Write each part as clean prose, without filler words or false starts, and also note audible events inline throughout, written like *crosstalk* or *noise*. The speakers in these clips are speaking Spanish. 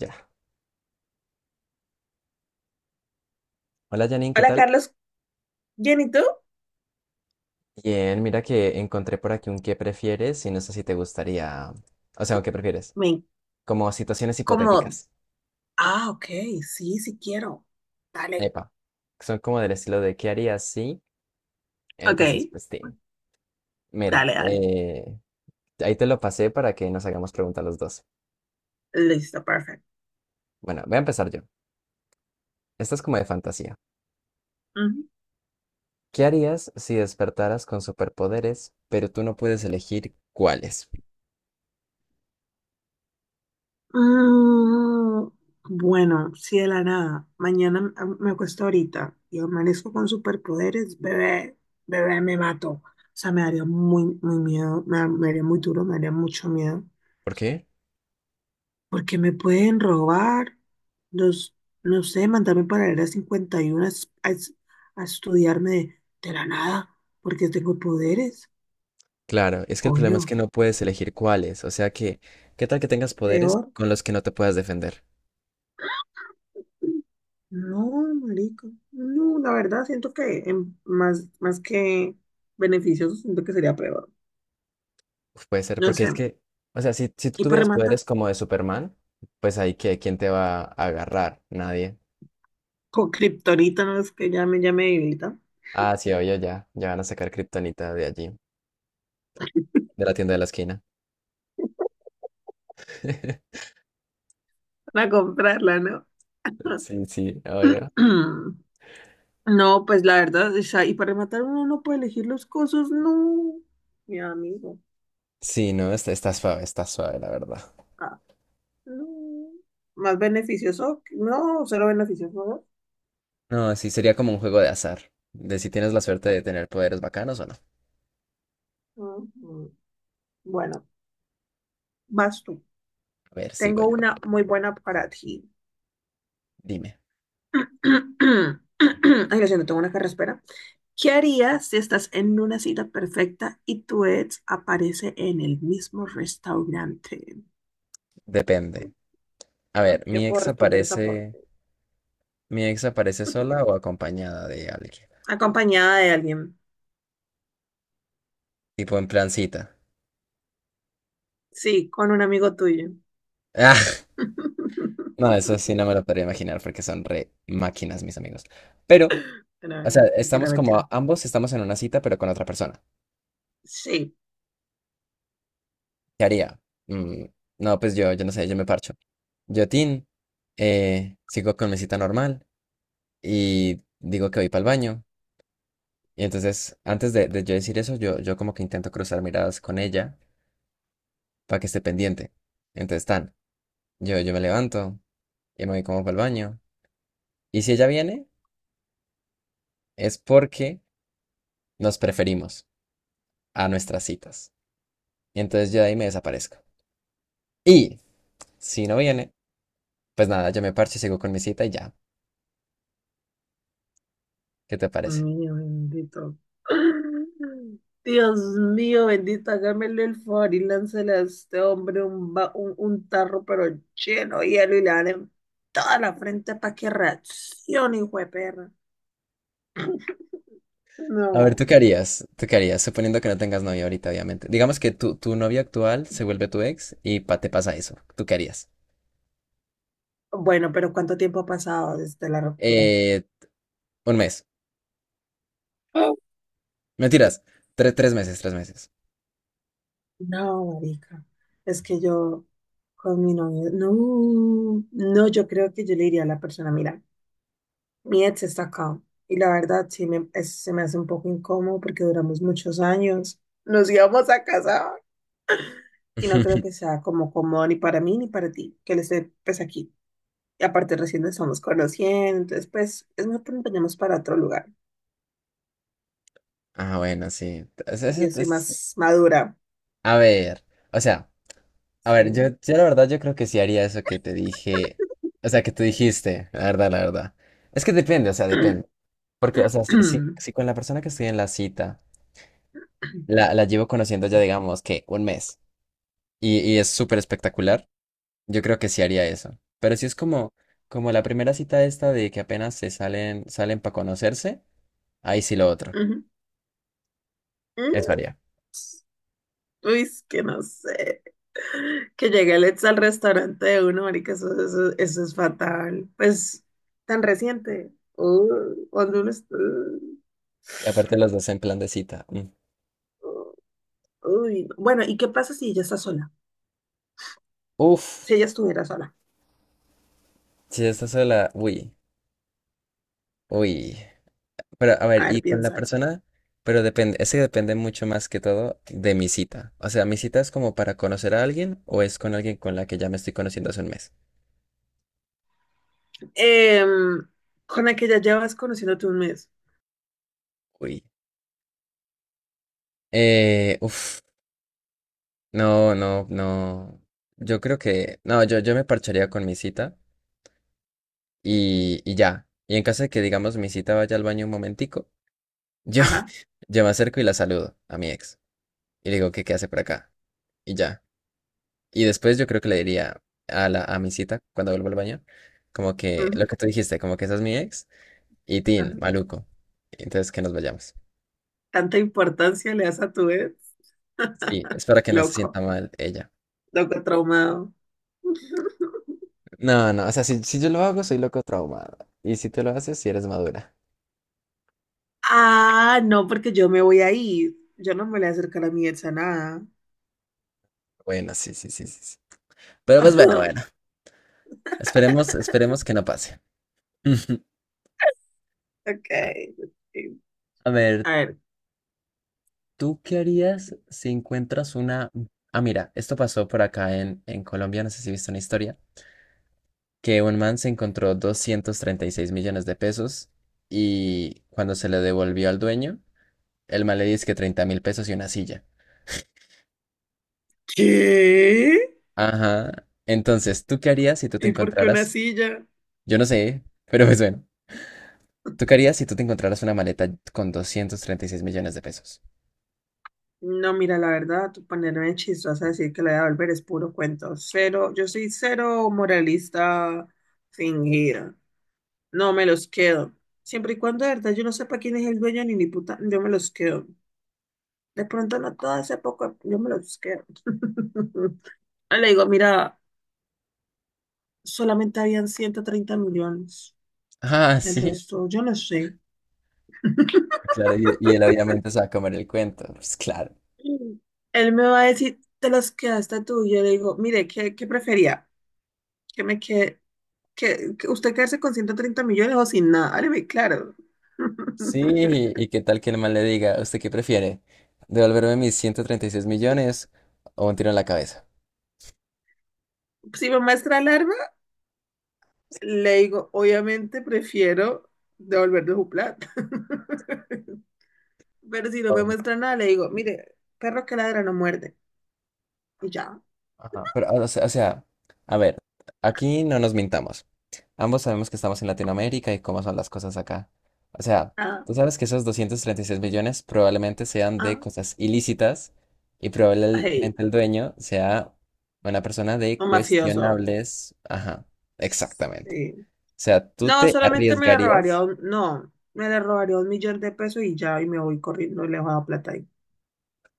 Ya. Hola Janine, ¿qué Hola tal? Carlos, ¿bien y tú? Bien, mira que encontré por aquí un qué prefieres y no sé si te gustaría, o sea, un qué prefieres, Me como situaciones como, hipotéticas. ah, ok, sí, sí quiero. Dale. Epa, son como del estilo de qué harías si, Ok, entonces pues sí. Mira, dale, dale. Ahí te lo pasé para que nos hagamos preguntas los dos. Listo, perfecto. Bueno, voy a empezar yo. Esta es como de fantasía. Ujú. ¿Qué harías si despertaras con superpoderes, pero tú no puedes elegir cuáles? Mm, bueno, sí de la nada. Mañana me acuesto ahorita y amanezco con superpoderes, bebé, bebé, me mato. O sea, me daría muy, muy miedo, me haría muy duro, me haría mucho miedo. ¿Por qué? Porque me pueden robar, los, no sé, mandarme para el área 51 a, a estudiarme de la nada, porque tengo poderes, Claro, es que el problema es que obvio. no puedes elegir cuáles, o sea que, ¿qué tal que tengas poderes Peor, con los que no te puedas defender? no, marico, no, la verdad siento que más, más que beneficioso, siento que sería peor, Uf, puede ser, no porque es sé. que, o sea, si tú Y para tuvieras rematar, poderes como de Superman, pues ahí que, ¿quién te va a agarrar? Nadie. con kriptonita, no es que ya me debilita, Ah, sí, oye, ya, ya van a sacar Kryptonita de allí, de la tienda de la esquina. *laughs* para comprarla, ¿no? Sí, sí, oye. *clears throat* No, pues la verdad, o sea, y para rematar uno no puede elegir los cosos, no, mi amigo, Sí, no, está suave, está suave, la verdad. ah, no, más beneficioso, no, cero beneficioso, No, sí, sería como un juego de azar, de si tienes la ¿no? suerte de tener poderes bacanos o no. Ujú. Bueno, vas tú, A ver, sigo tengo yo. una muy buena para ti. Dime. *clears throat* Ay, lo siento, tengo una carraspera. ¿Qué harías si estás en una cita perfecta y tu ex aparece en el mismo restaurante? Depende. A ver, Ya mi puedo ex responder esa por aparece, mi ex aparece sola *laughs* o acompañada de alguien. acompañada de alguien. Tipo en plancita. Sí, con un amigo tuyo. Ah, *laughs* no, eso *laughs* sí no me lo podría imaginar porque son re máquinas, mis amigos. Pero, Pero, o sea, mentira, estamos como mentira. ambos estamos en una cita, pero con otra persona. Sí. ¿Qué haría? Mm, no, pues yo no sé, yo me parcho. Yo, Tin, sigo con mi cita normal y digo que voy para el baño. Y entonces, antes de yo decir eso, yo como que intento cruzar miradas con ella para que esté pendiente. Entonces, tan. Yo me levanto y me voy como para el baño. Y si ella viene, es porque nos preferimos a nuestras citas. Y entonces yo de ahí me desaparezco. Y si no viene, pues nada, yo me parcho y sigo con mi cita y ya. ¿Qué te Oh, parece? mío bendito. Dios mío, bendito, hágamele el favor y láncele a este hombre un, un tarro, pero lleno de hielo y le dan en toda la frente para que reaccione, hijo de perra. A ver, No. ¿tú qué harías? ¿Tú qué harías? Suponiendo que no tengas novia ahorita, obviamente. Digamos que tu novia actual se vuelve tu ex y te pasa eso. ¿Tú qué harías? Bueno, pero ¿cuánto tiempo ha pasado desde la ruptura? Eh, un mes. Mentiras. Tres meses, tres meses. No, marica. Es que yo con mi novio, no, no, yo creo que yo le diría a la persona, mira, mi ex está acá. Y la verdad, sí me, se me hace un poco incómodo porque duramos muchos años, nos íbamos a casar y no creo que *laughs* sea como cómodo ni para mí ni para ti, que él esté pues aquí. Y aparte recién nos estamos conociendo, entonces pues es mejor que nos vayamos para otro lugar. Ah, bueno, sí. Yo soy más madura, A ver, o sea. A ver, yo, sí. yo la verdad yo creo que sí haría eso que te dije, o sea, que tú dijiste, la verdad, la verdad. Es que depende, o sea, depende. *clears throat* Porque, o sea, si con la persona que estoy en la cita, la llevo conociendo ya, digamos, que un mes, y es súper espectacular, yo creo que sí haría eso. Pero si es como, como la primera cita esta de que apenas se salen, salen para conocerse, ahí sí lo otro. Ujú. Eso Mm, haría. uy, es que no sé. Que llegue el ex al restaurante de uno, marica, eso es fatal. Pues, tan reciente. Cuando uno Y aparte los dos en plan de cita. Mm. uh, uy, no. Bueno, ¿y qué pasa si ella está sola? Si ella Uf, estuviera sola. si estás sola, uy, uy. Pero, a ver, A ver, y con la piénsalo. persona, pero depende, ese depende mucho más que todo de mi cita. O sea, ¿mi cita es como para conocer a alguien o es con alguien con la que ya me estoy conociendo hace un mes? Em, con la que ya llevas conociéndote un mes. Uy. Uf, no, no, no. Yo creo que, no, yo me parcharía con mi cita y ya. Y en caso de que, digamos, mi cita vaya al baño un momentico, yo, Ajá, *laughs* yo me acerco y la saludo a mi ex. Y le digo que qué hace por acá. Y ya. Y después yo creo que le diría a mi cita cuando vuelvo al baño, como que lo ujú, que tú dijiste, como que esa es mi ex y Tin, ajá. maluco. Entonces que nos vayamos. ¿Tanta importancia le das a tu ex? Sí, espero que no se sienta Loco, mal ella. loco traumado. No, no, o sea, si, si yo lo hago, soy loco traumado. Y si tú lo haces, si eres madura. Ah, no, porque yo me voy a ir. Yo no me voy a acercar a mi ex a nada. Bueno, sí, sí, sí, sí. Sí. Pero pues bueno, bueno. *laughs* Esperemos, esperemos que no pase. *laughs* Ok. A Ok. a ver, A ver, ¿tú qué harías si encuentras una... Ah, mira, esto pasó por acá en Colombia, no sé si viste una historia. Que un man se encontró 236 millones de pesos y cuando se le devolvió al dueño, el man le dice que 30.000 pesos y una silla. ¿qué? Ajá. Entonces, ¿tú qué harías si tú te ¿Y por qué una encontraras? silla? Yo no sé, pero pues bueno, ¿tú qué harías si tú te encontraras una maleta con 236 millones de pesos? No, mira, la verdad, tú ponerme chistosa a decir que la voy a volver es puro cuento. Cero, yo soy cero moralista fingida. No me los quedo. Siempre y cuando, de verdad, yo no sepa quién es el dueño ni ni puta, yo me los quedo. De pronto no todo hace poco, yo me los quedo. *laughs* Le digo, mira, solamente habían 130 millones. Ah, *laughs* El sí, resto, yo no sé. claro, y él obviamente se va a comer el cuento, pues claro. Mm. Él me va a decir, te las quedaste tú. Y yo le digo, mire, ¿qué, qué prefería? ¿Que me quede, que usted quedarse con 130 millones o sin nada? Hábleme claro. *laughs* Sí, ¿y qué tal que el man le diga, ¿usted qué prefiere? ¿Devolverme mis 136 millones o un tiro en la cabeza? Si me muestra alarma, le digo, obviamente prefiero devolverle su plata. *laughs* Pero si no me muestra nada, le digo, mire, perro que ladra no muerde. Y ya. Ajá, pero, o sea, a ver, aquí no nos mintamos. Ambos sabemos que estamos en Latinoamérica y cómo son las cosas acá. O sea, Ah, tú sabes que esos 236 millones probablemente sean de ah, cosas ilícitas y hey, probablemente el dueño sea una persona de un mafioso. cuestionables. Ajá, exactamente. O Sí. sea, tú No, te solamente me le robaría, arriesgarías. No, me le robaría 1 millón de pesos y ya, y me voy corriendo y le dejo la plata ahí.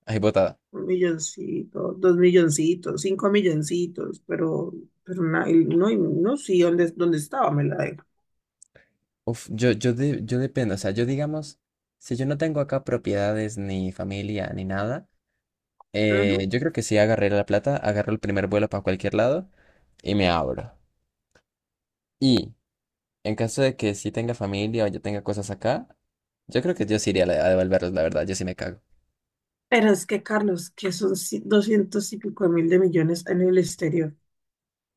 Ay, botada. Un milloncito, dos milloncitos, cinco milloncitos, pero, pero y no, sí, ¿dónde, dónde estaba? Me la dejo. Uf, yo dependo. O sea, yo digamos, si yo no tengo acá propiedades ni familia ni nada. Ujú. Yo creo que sí agarré la plata, agarro el primer vuelo para cualquier lado y me abro. Y en caso de que sí tenga familia o yo tenga cosas acá, yo creo que yo sí iría a devolverlos, la verdad, yo sí me cago. Pero es que, Carlos, que son doscientos y pico de mil de millones en el exterior,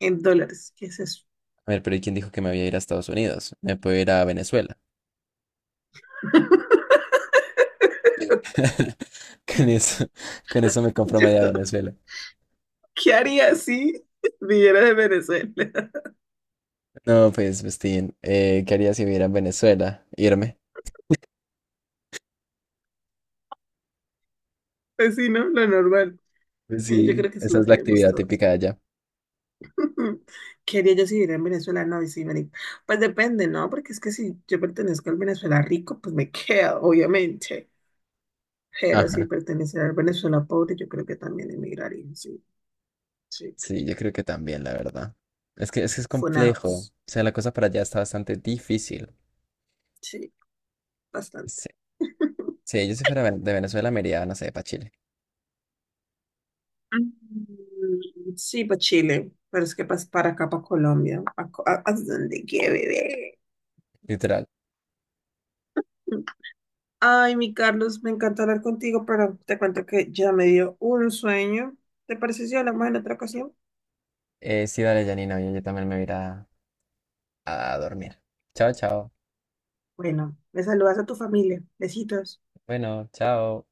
en dólares, ¿qué es eso? A ver, pero ¿y quién dijo que me voy a ir a Estados Unidos? Me puedo ir a Venezuela. *laughs* Con eso, con eso me *laughs* compro media Yo, Venezuela. ¿qué haría si viviera de Venezuela? *laughs* No, pues, Justin ¿qué haría si viviera en Venezuela? Irme. Pues sí, ¿no? Lo normal. Pues Yo sí, creo que eso esa lo es la queremos actividad todos. típica de allá. *laughs* ¿Qué haría yo si viviera en Venezuela? No, y sí, marica. Pues depende, ¿no? Porque es que si yo pertenezco al Venezuela rico, pues me *laughs* quedo, obviamente. Pero si Ajá. perteneciera al Venezuela pobre, yo creo que también emigraría, sí, sí. Claro. Sí, yo creo que también, la verdad. es que es complejo. O Funados, sea, la cosa para allá está bastante difícil. sí, bastante. Sí, sí, yo si fuera de Venezuela me iría, no sé, para Chile. Mm, sí, para Chile, pero es que para acá, para Colombia, a, a donde quiera, bebé. Literal. Ay, mi Carlos, me encanta hablar contigo, pero te cuento que ya me dio un sueño. ¿Te parece si hablamos en otra ocasión? Sí, dale, Janina, oye, yo también me iré a dormir. Chao, chao. Bueno, me saludas a tu familia. Besitos. Bueno, chao.